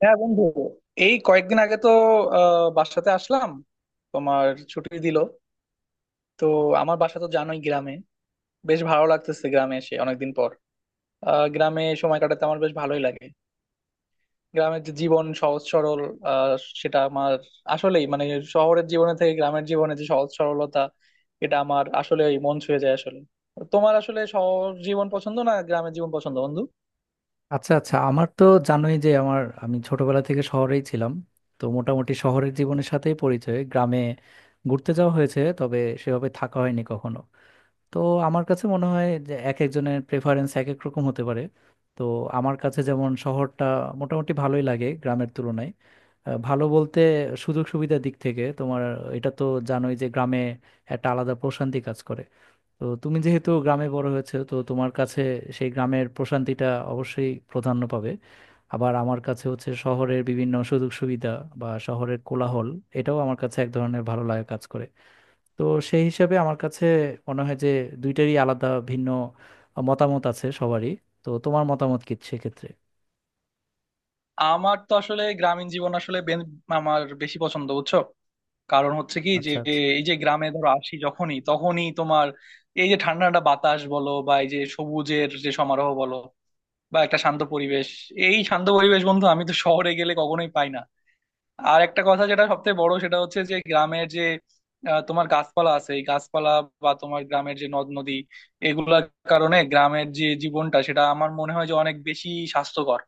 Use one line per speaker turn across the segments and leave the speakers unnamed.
হ্যাঁ বন্ধু, এই কয়েকদিন আগে তো বাসাতে আসলাম। তোমার ছুটি দিল, তো আমার বাসা তো জানোই গ্রামে। বেশ ভালো লাগতেছে গ্রামে এসে অনেকদিন পর। গ্রামে সময় কাটাতে আমার বেশ ভালোই লাগে। গ্রামের যে জীবন সহজ সরল, আহ, সেটা আমার আসলেই মানে শহরের জীবনে থেকে গ্রামের জীবনে যে সহজ সরলতা, এটা আমার আসলে মন ছুঁয়ে যায় আসলে। তোমার আসলে শহর জীবন পছন্দ, না গ্রামের জীবন পছন্দ বন্ধু?
আচ্ছা আচ্ছা, আমার তো জানোই যে আমি ছোটবেলা থেকে শহরেই ছিলাম। তো মোটামুটি শহরের জীবনের সাথেই পরিচয়। গ্রামে ঘুরতে যাওয়া হয়েছে, তবে সেভাবে থাকা হয়নি কখনো। তো আমার কাছে মনে হয় যে এক একজনের প্রেফারেন্স এক এক রকম হতে পারে। তো আমার কাছে যেমন শহরটা মোটামুটি ভালোই লাগে গ্রামের তুলনায়। ভালো বলতে সুযোগ সুবিধার দিক থেকে। তোমার এটা তো জানোই যে গ্রামে একটা আলাদা প্রশান্তি কাজ করে। তো তুমি যেহেতু গ্রামে বড় হয়েছে, তো তোমার কাছে সেই গ্রামের প্রশান্তিটা অবশ্যই প্রাধান্য পাবে। আবার আমার কাছে হচ্ছে শহরের বিভিন্ন সুযোগ সুবিধা বা শহরের কোলাহল, এটাও আমার কাছে এক ধরনের ভালো লাগা কাজ করে। তো সেই হিসাবে আমার কাছে মনে হয় যে দুইটারই আলাদা ভিন্ন মতামত আছে সবারই। তো তোমার মতামত কি সেক্ষেত্রে?
আমার তো আসলে গ্রামীণ জীবন আসলে আমার বেশি পছন্দ, বুঝছো। কারণ হচ্ছে কি যে
আচ্ছা আচ্ছা।
এই যে গ্রামে ধরো আসি যখনই, তখনই তোমার এই যে ঠান্ডা ঠান্ডা বাতাস বলো বা এই যে সবুজের যে সমারোহ বলো বা একটা শান্ত পরিবেশ, এই শান্ত পরিবেশ বন্ধু আমি তো শহরে গেলে কখনোই পাই না। আর একটা কথা যেটা সবথেকে বড়, সেটা হচ্ছে যে গ্রামের যে তোমার গাছপালা আছে, এই গাছপালা বা তোমার গ্রামের যে নদ নদী, এগুলার কারণে গ্রামের যে জীবনটা সেটা আমার মনে হয় যে অনেক বেশি স্বাস্থ্যকর।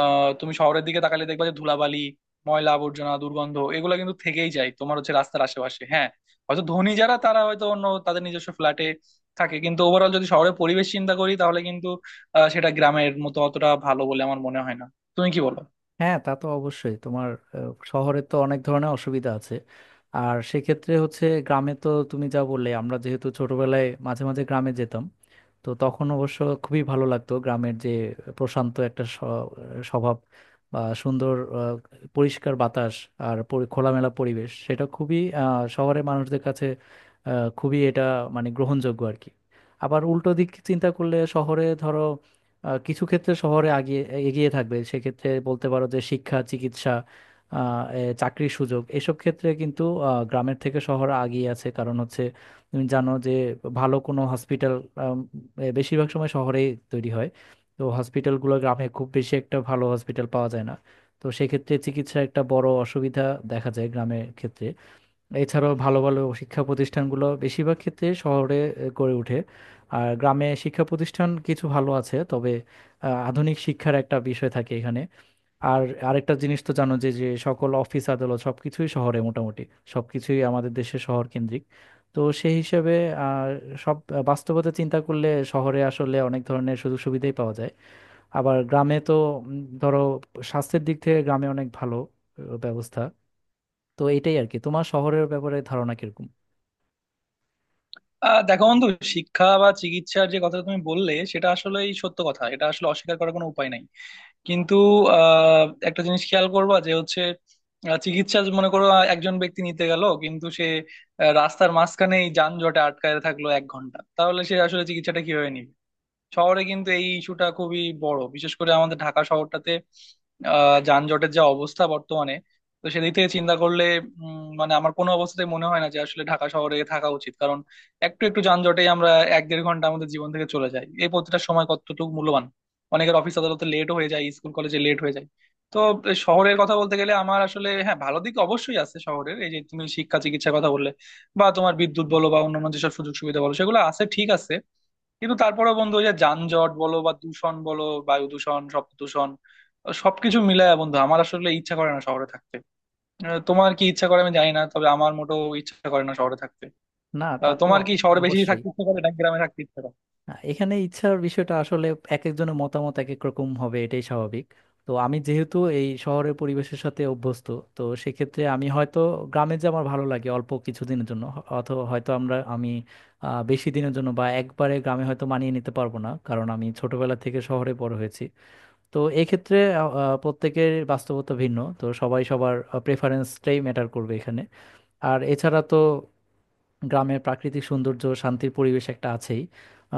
তুমি শহরের দিকে তাকালে দেখবা যে ধুলাবালি, ময়লা আবর্জনা, দুর্গন্ধ এগুলো কিন্তু থেকেই যায় তোমার হচ্ছে রাস্তার আশেপাশে। হ্যাঁ, হয়তো ধনী যারা তারা হয়তো অন্য তাদের নিজস্ব ফ্ল্যাটে থাকে, কিন্তু ওভারঅল যদি শহরের পরিবেশ চিন্তা করি তাহলে কিন্তু সেটা গ্রামের মতো অতটা ভালো বলে আমার মনে হয় না। তুমি কি বলো?
হ্যাঁ, তা তো অবশ্যই। তোমার শহরে তো অনেক ধরনের অসুবিধা আছে। আর সেক্ষেত্রে হচ্ছে গ্রামে তো তুমি যা বললে, আমরা যেহেতু ছোটবেলায় মাঝে মাঝে গ্রামে যেতাম, তো তখন অবশ্য খুবই ভালো লাগতো গ্রামের যে প্রশান্ত একটা স্বভাব বা সুন্দর আহ, পরিষ্কার বাতাস আর খোলামেলা পরিবেশ, সেটা খুবই শহরের মানুষদের কাছে খুবই এটা মানে গ্রহণযোগ্য আর কি। আবার উল্টো দিক চিন্তা করলে, শহরে ধরো কিছু ক্ষেত্রে শহরে এগিয়ে থাকবে। সেক্ষেত্রে বলতে পারো যে শিক্ষা, চিকিৎসা, চাকরির সুযোগ, এসব ক্ষেত্রে কিন্তু গ্রামের থেকে শহর আগিয়ে আছে। কারণ হচ্ছে তুমি জানো যে ভালো কোনো হসপিটাল বেশিরভাগ সময় শহরেই তৈরি হয়। তো হসপিটালগুলো গ্রামে খুব বেশি একটা ভালো হসপিটাল পাওয়া যায় না। তো সেক্ষেত্রে চিকিৎসার একটা বড় অসুবিধা দেখা যায় গ্রামের ক্ষেত্রে। এছাড়াও ভালো ভালো শিক্ষা প্রতিষ্ঠানগুলো বেশিরভাগ ক্ষেত্রে শহরে গড়ে ওঠে। আর গ্রামে শিক্ষা প্রতিষ্ঠান কিছু ভালো আছে, তবে আধুনিক শিক্ষার একটা বিষয় থাকে এখানে। আর আরেকটা জিনিস তো জানো যে যে সকল অফিস আদালত সবকিছুই শহরে মোটামুটি, সবকিছুই আমাদের দেশে শহর কেন্দ্রিক। তো সেই হিসেবে আহ, সব বাস্তবতা চিন্তা করলে শহরে আসলে অনেক ধরনের সুযোগ সুবিধাই পাওয়া যায়। আবার গ্রামে তো ধরো স্বাস্থ্যের দিক থেকে গ্রামে অনেক ভালো ব্যবস্থা। তো এটাই আর কি। তোমার শহরের ব্যাপারে ধারণা কিরকম?
দেখো বন্ধু, শিক্ষা বা চিকিৎসার যে কথাটা তুমি বললে সেটা আসলেই সত্য কথা, এটা আসলে অস্বীকার করার কোনো উপায় নাই। কিন্তু একটা জিনিস খেয়াল করবা যে হচ্ছে চিকিৎসা যে মনে করো একজন ব্যক্তি নিতে গেল কিন্তু সে রাস্তার মাঝখানেই যানজটে আটকায় থাকলো 1 ঘন্টা, তাহলে সে আসলে চিকিৎসাটা কিভাবে নিবে? শহরে কিন্তু এই ইস্যুটা খুবই বড়, বিশেষ করে আমাদের ঢাকা শহরটাতে যানজটের যা অবস্থা বর্তমানে। তো সেদিক থেকে চিন্তা করলে মানে আমার কোনো অবস্থাতেই মনে হয় না যে আসলে ঢাকা শহরে থাকা উচিত। কারণ একটু একটু যানজটেই আমরা এক দেড় ঘন্টা আমাদের জীবন থেকে চলে যাই, এই প্রতিটা সময় কতটুকু মূল্যবান। অনেকের অফিস আদালতে লেট হয়ে যায়, স্কুল কলেজে লেট হয়ে যায়। তো শহরের কথা বলতে গেলে আমার আসলে, হ্যাঁ, ভালো দিক অবশ্যই আছে শহরের, এই যে তুমি শিক্ষা চিকিৎসার কথা বললে বা তোমার বিদ্যুৎ বলো বা অন্যান্য যেসব সুযোগ সুবিধা বলো সেগুলো আছে, ঠিক আছে। কিন্তু তারপরে বন্ধু ওই যে যানজট বলো বা দূষণ বলো, বায়ু দূষণ, শব্দ দূষণ, সবকিছু মিলায় বন্ধু আমার আসলে ইচ্ছা করে না শহরে থাকতে। তোমার কি ইচ্ছা করে আমি জানি না, তবে আমার মোটেও ইচ্ছা করে না শহরে থাকতে।
না, তা তো
তোমার কি শহরে বেশি
অবশ্যই।
থাকতে ইচ্ছা করে, না গ্রামে থাকতে ইচ্ছা করে?
এখানে ইচ্ছার বিষয়টা আসলে এক একজনের মতামত এক এক রকম হবে, এটাই স্বাভাবিক। তো আমি যেহেতু এই শহরের পরিবেশের সাথে অভ্যস্ত, তো সেক্ষেত্রে আমি হয়তো গ্রামে যে আমার ভালো লাগে অল্প কিছুদিনের জন্য, অথবা হয়তো আমি বেশি দিনের জন্য বা একবারে গ্রামে হয়তো মানিয়ে নিতে পারবো না। কারণ আমি ছোটবেলা থেকে শহরে বড় হয়েছি। তো এক্ষেত্রে আহ, আহ, প্রত্যেকের বাস্তবতা ভিন্ন, তো সবাই সবার প্রেফারেন্সটাই ম্যাটার করবে এখানে। আর এছাড়া তো গ্রামের প্রাকৃতিক সৌন্দর্য, শান্তির পরিবেশ একটা আছেই।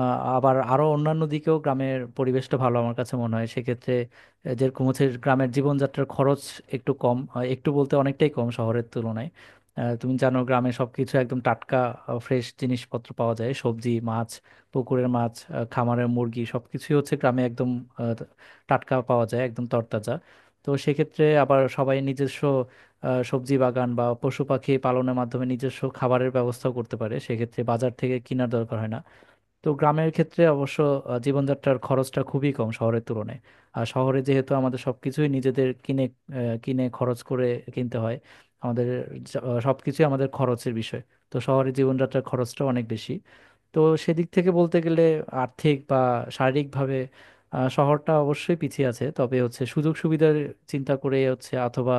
আবার আরো অন্যান্য দিকেও গ্রামের পরিবেশটা ভালো আমার কাছে মনে হয় সেক্ষেত্রে। যেরকম হচ্ছে গ্রামের জীবনযাত্রার খরচ একটু কম, একটু বলতে অনেকটাই কম শহরের তুলনায়। তুমি জানো গ্রামে সবকিছু একদম টাটকা, ফ্রেশ জিনিসপত্র পাওয়া যায়, সবজি, মাছ, পুকুরের মাছ, খামারের মুরগি সবকিছুই হচ্ছে গ্রামে একদম আহ, টাটকা পাওয়া যায়, একদম তরতাজা। তো সেক্ষেত্রে আবার সবাই নিজস্ব সবজি বাগান বা পশু পাখি পালনের মাধ্যমে নিজস্ব খাবারের ব্যবস্থাও করতে পারে, সেক্ষেত্রে বাজার থেকে কেনার দরকার হয় না। তো গ্রামের ক্ষেত্রে অবশ্য জীবনযাত্রার খরচটা খুবই কম শহরের তুলনায়। আর শহরে যেহেতু আমাদের সবকিছুই নিজেদের কিনে আহ, কিনে খরচ করে কিনতে হয় আমাদের, সবকিছুই আমাদের খরচের বিষয়। তো শহরে জীবনযাত্রার খরচটা অনেক বেশি। তো সেদিক থেকে বলতে গেলে আর্থিক বা শারীরিকভাবে শহরটা অবশ্যই পিছিয়ে আছে। তবে হচ্ছে সুযোগ সুবিধার চিন্তা করে হচ্ছে অথবা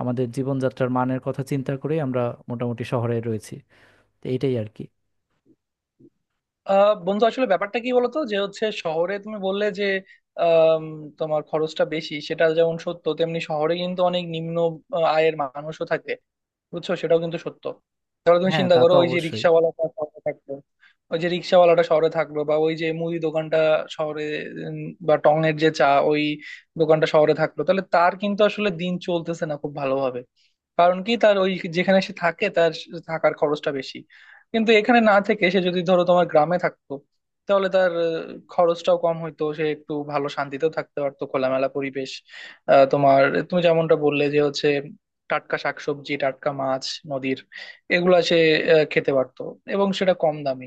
আমাদের জীবনযাত্রার মানের কথা চিন্তা করে আমরা মোটামুটি শহরে রয়েছি। তো এইটাই আর কি।
বন্ধু আসলে ব্যাপারটা কি বলতো যে হচ্ছে শহরে তুমি বললে যে আম, তোমার খরচটা বেশি, সেটা যেমন সত্য, তেমনি শহরে কিন্তু অনেক নিম্ন আয়ের মানুষও থাকে, বুঝছো, সেটাও কিন্তু সত্য। তাহলে তুমি
হ্যাঁ,
চিন্তা
তা তো
করো ওই যে
অবশ্যই।
রিক্সাওয়ালাটা শহরে থাকলো, ওই যে রিক্সাওয়ালাটা শহরে থাকলো বা ওই যে মুদি দোকানটা শহরে, উম, বা টং এর যে চা ওই দোকানটা শহরে থাকলো, তাহলে তার কিন্তু আসলে দিন চলতেছে না খুব ভালোভাবে। কারণ কি, তার ওই যেখানে সে থাকে তার থাকার খরচটা বেশি। কিন্তু এখানে না থেকে সে যদি ধরো তোমার গ্রামে থাকতো, তাহলে তার খরচটাও কম হইতো, সে একটু ভালো শান্তিতেও থাকতে পারতো, খোলামেলা পরিবেশ। আহ, তোমার তুমি যেমনটা বললে যে হচ্ছে টাটকা শাকসবজি, টাটকা মাছ, নদীর এগুলা সে খেতে পারতো এবং সেটা কম দামি।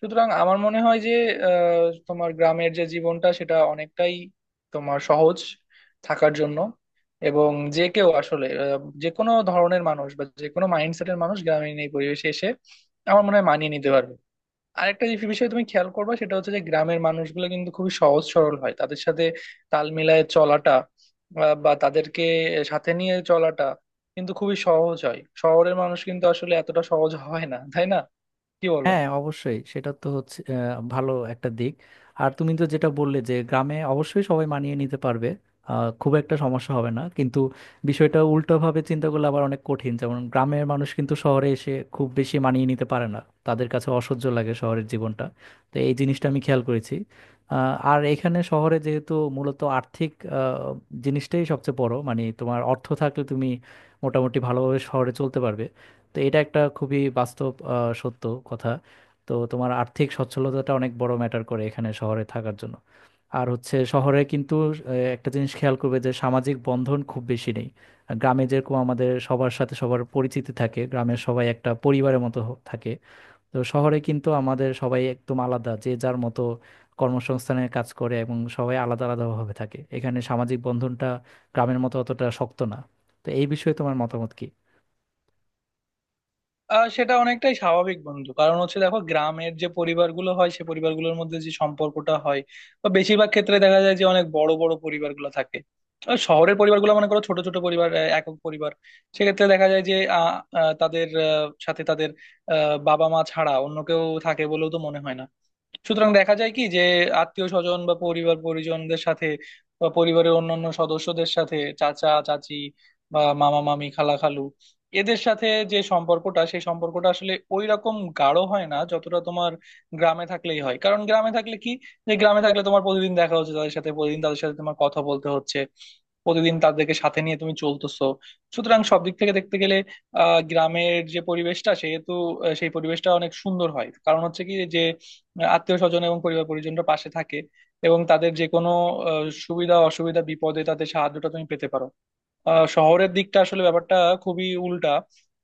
সুতরাং আমার মনে হয় যে আহ, তোমার গ্রামের যে জীবনটা সেটা অনেকটাই তোমার সহজ থাকার জন্য। এবং যে কেউ আসলে যে কোনো ধরনের মানুষ বা যে কোনো মাইন্ডসেটের মানুষ গ্রামীণ এই পরিবেশে এসে আমার মনে হয় মানিয়ে নিতে পারবে। আরেকটা যে বিষয় তুমি খেয়াল করবে সেটা হচ্ছে যে গ্রামের মানুষগুলো কিন্তু খুবই সহজ সরল হয়, তাদের সাথে তাল মিলায়ে চলাটা বা তাদেরকে সাথে নিয়ে চলাটা কিন্তু খুবই সহজ হয়, শহরের মানুষ কিন্তু আসলে এতটা সহজ হয় না, তাই না? কি বলো?
হ্যাঁ, অবশ্যই সেটা তো হচ্ছে ভালো একটা দিক। আর তুমি তো যেটা বললে যে গ্রামে অবশ্যই সবাই মানিয়ে নিতে পারবে, খুব একটা সমস্যা হবে না, কিন্তু বিষয়টা উল্টোভাবে চিন্তা করলে আবার অনেক কঠিন। যেমন গ্রামের মানুষ কিন্তু শহরে এসে খুব বেশি মানিয়ে নিতে পারে না, তাদের কাছে অসহ্য লাগে শহরের জীবনটা। তো এই জিনিসটা আমি খেয়াল করেছি। আর এখানে শহরে যেহেতু মূলত আর্থিক আহ, জিনিসটাই সবচেয়ে বড়, মানে তোমার অর্থ থাকলে তুমি মোটামুটি ভালোভাবে শহরে চলতে পারবে। তো এটা একটা খুবই বাস্তব সত্য কথা। তো তোমার আর্থিক সচ্ছলতাটা অনেক বড় ম্যাটার করে এখানে শহরে থাকার জন্য। আর হচ্ছে শহরে কিন্তু একটা জিনিস খেয়াল করবে যে সামাজিক বন্ধন খুব বেশি নেই। আর গ্রামে যেরকম আমাদের সবার সাথে সবার পরিচিতি থাকে, গ্রামের সবাই একটা পরিবারের মতো থাকে। তো শহরে কিন্তু আমাদের সবাই একদম আলাদা, যে যার মতো কর্মসংস্থানে কাজ করে এবং সবাই আলাদা আলাদাভাবে থাকে। এখানে সামাজিক বন্ধনটা গ্রামের মতো অতটা শক্ত না। তো এই বিষয়ে তোমার মতামত কি?
সেটা অনেকটাই স্বাভাবিক বন্ধু, কারণ হচ্ছে দেখো গ্রামের যে পরিবারগুলো হয় সে পরিবারগুলোর মধ্যে যে সম্পর্কটা হয় বা বেশিরভাগ ক্ষেত্রে দেখা যায় যে অনেক বড় বড় পরিবারগুলো থাকে। আর শহরের পরিবারগুলো মনে করো ছোট ছোট পরিবার, একক পরিবার। সেক্ষেত্রে দেখা যায় যে আহ, আহ, তাদের আহ, সাথে তাদের বাবা মা ছাড়া অন্য কেউ থাকে বলেও তো মনে হয় না। সুতরাং দেখা যায় কি যে আত্মীয় স্বজন বা পরিবার পরিজনদের সাথে বা পরিবারের অন্যান্য সদস্যদের সাথে, চাচা চাচি বা মামা মামি, খালা খালু, এদের সাথে যে সম্পর্কটা সেই সম্পর্কটা আসলে ওই রকম গাঢ় হয় না যতটা তোমার গ্রামে থাকলেই হয়। কারণ গ্রামে থাকলে কি, যে গ্রামে থাকলে তোমার প্রতিদিন দেখা হচ্ছে তাদের সাথে, প্রতিদিন তাদের সাথে তোমার কথা বলতে হচ্ছে, প্রতিদিন তাদেরকে সাথে নিয়ে তুমি চলতেছো। সুতরাং সব দিক থেকে দেখতে গেলে গ্রামের যে পরিবেশটা সেহেতু সেই পরিবেশটা অনেক সুন্দর হয়। কারণ হচ্ছে কি যে মানে আত্মীয় স্বজন এবং পরিবার পরিজনরা পাশে থাকে এবং তাদের যে কোনো সুবিধা অসুবিধা, বিপদে তাদের সাহায্যটা তুমি পেতে পারো। শহরের দিকটা আসলে ব্যাপারটা খুবই উল্টা।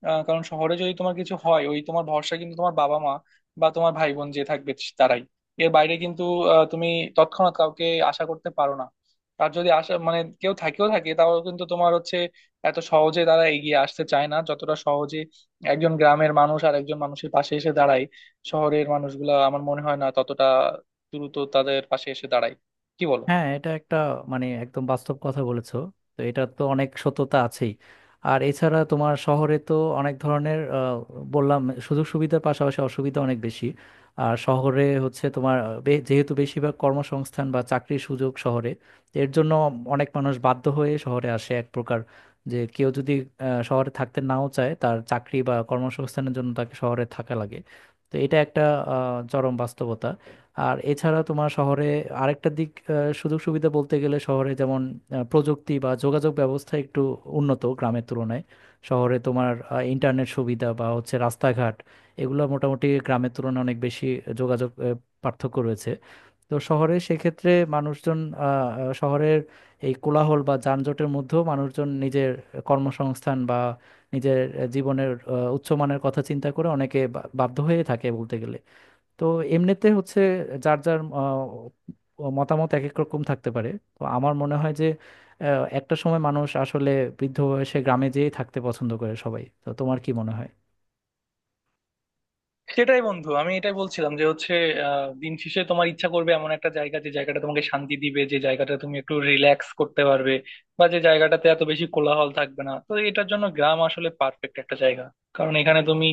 কারণ শহরে যদি তোমার কিছু হয়, ওই তোমার ভরসা কিন্তু তোমার বাবা মা বা তোমার ভাই বোন যে থাকবে, তারাই। এর বাইরে কিন্তু তুমি তৎক্ষণাৎ কাউকে আশা করতে পারো না। তার যদি আশা মানে কেউ থাকেও থাকে, তাও কিন্তু তোমার হচ্ছে এত সহজে তারা এগিয়ে আসতে চায় না, যতটা সহজে একজন গ্রামের মানুষ আর একজন মানুষের পাশে এসে দাঁড়ায়। শহরের মানুষগুলা আমার মনে হয় না ততটা দ্রুত তাদের পাশে এসে দাঁড়ায়। কি বলো?
হ্যাঁ, এটা একটা মানে একদম বাস্তব কথা বলেছো। তো এটা তো অনেক সত্যতা আছেই। আর এছাড়া তোমার শহরে তো অনেক ধরনের আহ, বললাম সুযোগ সুবিধার পাশাপাশি অসুবিধা অনেক বেশি। আর শহরে হচ্ছে তোমার যেহেতু বেশিরভাগ কর্মসংস্থান বা চাকরির সুযোগ শহরে, এর জন্য অনেক মানুষ বাধ্য হয়ে শহরে আসে এক প্রকার। যে কেউ যদি শহরে থাকতে নাও চায়, তার চাকরি বা কর্মসংস্থানের জন্য তাকে শহরে থাকা লাগে। তো এটা একটা চরম বাস্তবতা। আর এছাড়া তোমার শহরে আরেকটা দিক, সুযোগ সুবিধা বলতে গেলে শহরে যেমন প্রযুক্তি বা যোগাযোগ ব্যবস্থা একটু উন্নত গ্রামের তুলনায়। শহরে তোমার ইন্টারনেট সুবিধা বা হচ্ছে রাস্তাঘাট, এগুলো মোটামুটি গ্রামের তুলনায় অনেক বেশি যোগাযোগ পার্থক্য রয়েছে। তো শহরে সেক্ষেত্রে মানুষজন আহ, আহ, শহরের এই কোলাহল বা যানজটের মধ্যেও মানুষজন নিজের কর্মসংস্থান বা নিজের জীবনের উচ্চমানের কথা চিন্তা করে অনেকে বাধ্য হয়ে থাকে বলতে গেলে। তো এমনিতে হচ্ছে যার যার মতামত এক এক রকম থাকতে পারে। তো আমার মনে হয় যে একটা সময় মানুষ আসলে বৃদ্ধ বয়সে গ্রামে যেয়েই থাকতে পছন্দ করে সবাই। তো তোমার কি মনে হয়?
সেটাই বন্ধু, আমি এটাই বলছিলাম যে হচ্ছে দিন শেষে তোমার ইচ্ছা করবে এমন একটা জায়গা যে জায়গাটা তোমাকে শান্তি দিবে, যে জায়গাটা তুমি একটু রিল্যাক্স করতে পারবে বা যে জায়গাটাতে এত বেশি কোলাহল থাকবে না। তো এটার জন্য গ্রাম আসলে পারফেক্ট একটা জায়গা। কারণ এখানে তুমি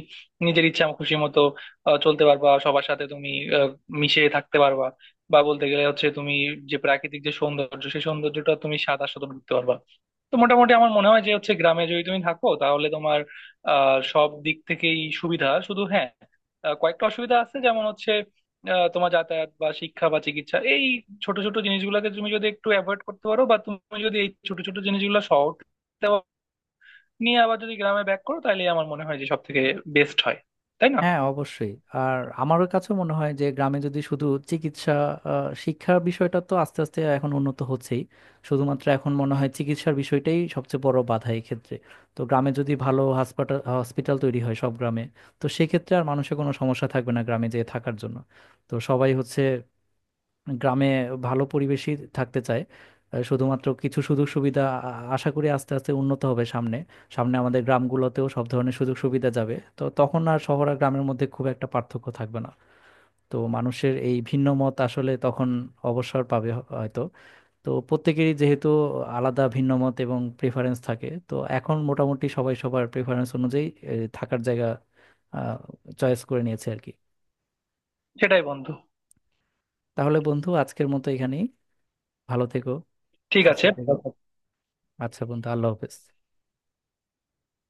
নিজের ইচ্ছা খুশি মতো চলতে পারবা, সবার সাথে তুমি আহ, মিশে থাকতে পারবা। বা বলতে গেলে হচ্ছে তুমি যে প্রাকৃতিক যে সৌন্দর্য সেই সৌন্দর্যটা তুমি সাদা আস্বাদন করতে পারবা। তো মোটামুটি আমার মনে হয় যে হচ্ছে গ্রামে যদি তুমি থাকো তাহলে তোমার সব দিক থেকেই সুবিধা, শুধু, হ্যাঁ, কয়েকটা অসুবিধা আছে যেমন হচ্ছে তোমার যাতায়াত বা শিক্ষা বা চিকিৎসা, এই ছোট ছোট জিনিসগুলোকে তুমি যদি একটু অ্যাভয়েড করতে পারো বা তুমি যদি এই ছোট ছোট জিনিসগুলো শহর থেকে নিয়ে আবার যদি গ্রামে ব্যাক করো, তাহলে আমার মনে হয় যে সব থেকে বেস্ট হয়, তাই না?
হ্যাঁ, অবশ্যই। আর আমার কাছে মনে হয় যে গ্রামে যদি শুধু চিকিৎসা, শিক্ষার বিষয়টা তো আস্তে আস্তে এখন উন্নত হচ্ছেই, শুধুমাত্র এখন মনে হয় চিকিৎসার বিষয়টাই সবচেয়ে বড় বাধা এই ক্ষেত্রে। তো গ্রামে যদি ভালো হসপিটাল তৈরি হয় সব গ্রামে, তো সেক্ষেত্রে আর মানুষের কোনো সমস্যা থাকবে না গ্রামে যেয়ে থাকার জন্য। তো সবাই হচ্ছে গ্রামে ভালো পরিবেশই থাকতে চায়। শুধুমাত্র কিছু সুযোগ সুবিধা আশা করি আস্তে আস্তে উন্নত হবে সামনে। সামনে আমাদের গ্রামগুলোতেও সব ধরনের সুযোগ সুবিধা যাবে, তো তখন আর শহর আর গ্রামের মধ্যে খুব একটা পার্থক্য থাকবে না। তো মানুষের এই ভিন্ন মত আসলে তখন অবসর পাবে হয়তো। তো প্রত্যেকেরই যেহেতু আলাদা ভিন্ন মত এবং প্রেফারেন্স থাকে, তো এখন মোটামুটি সবাই সবার প্রেফারেন্স অনুযায়ী থাকার জায়গা চয়েস করে নিয়েছে আর কি।
সেটাই বন্ধু।
তাহলে বন্ধু আজকের মতো এখানেই। ভালো থেকো,
ঠিক
সুস্থ
আছে।
থেকো। আচ্ছা বন্ধু, আল্লাহ হাফেজ।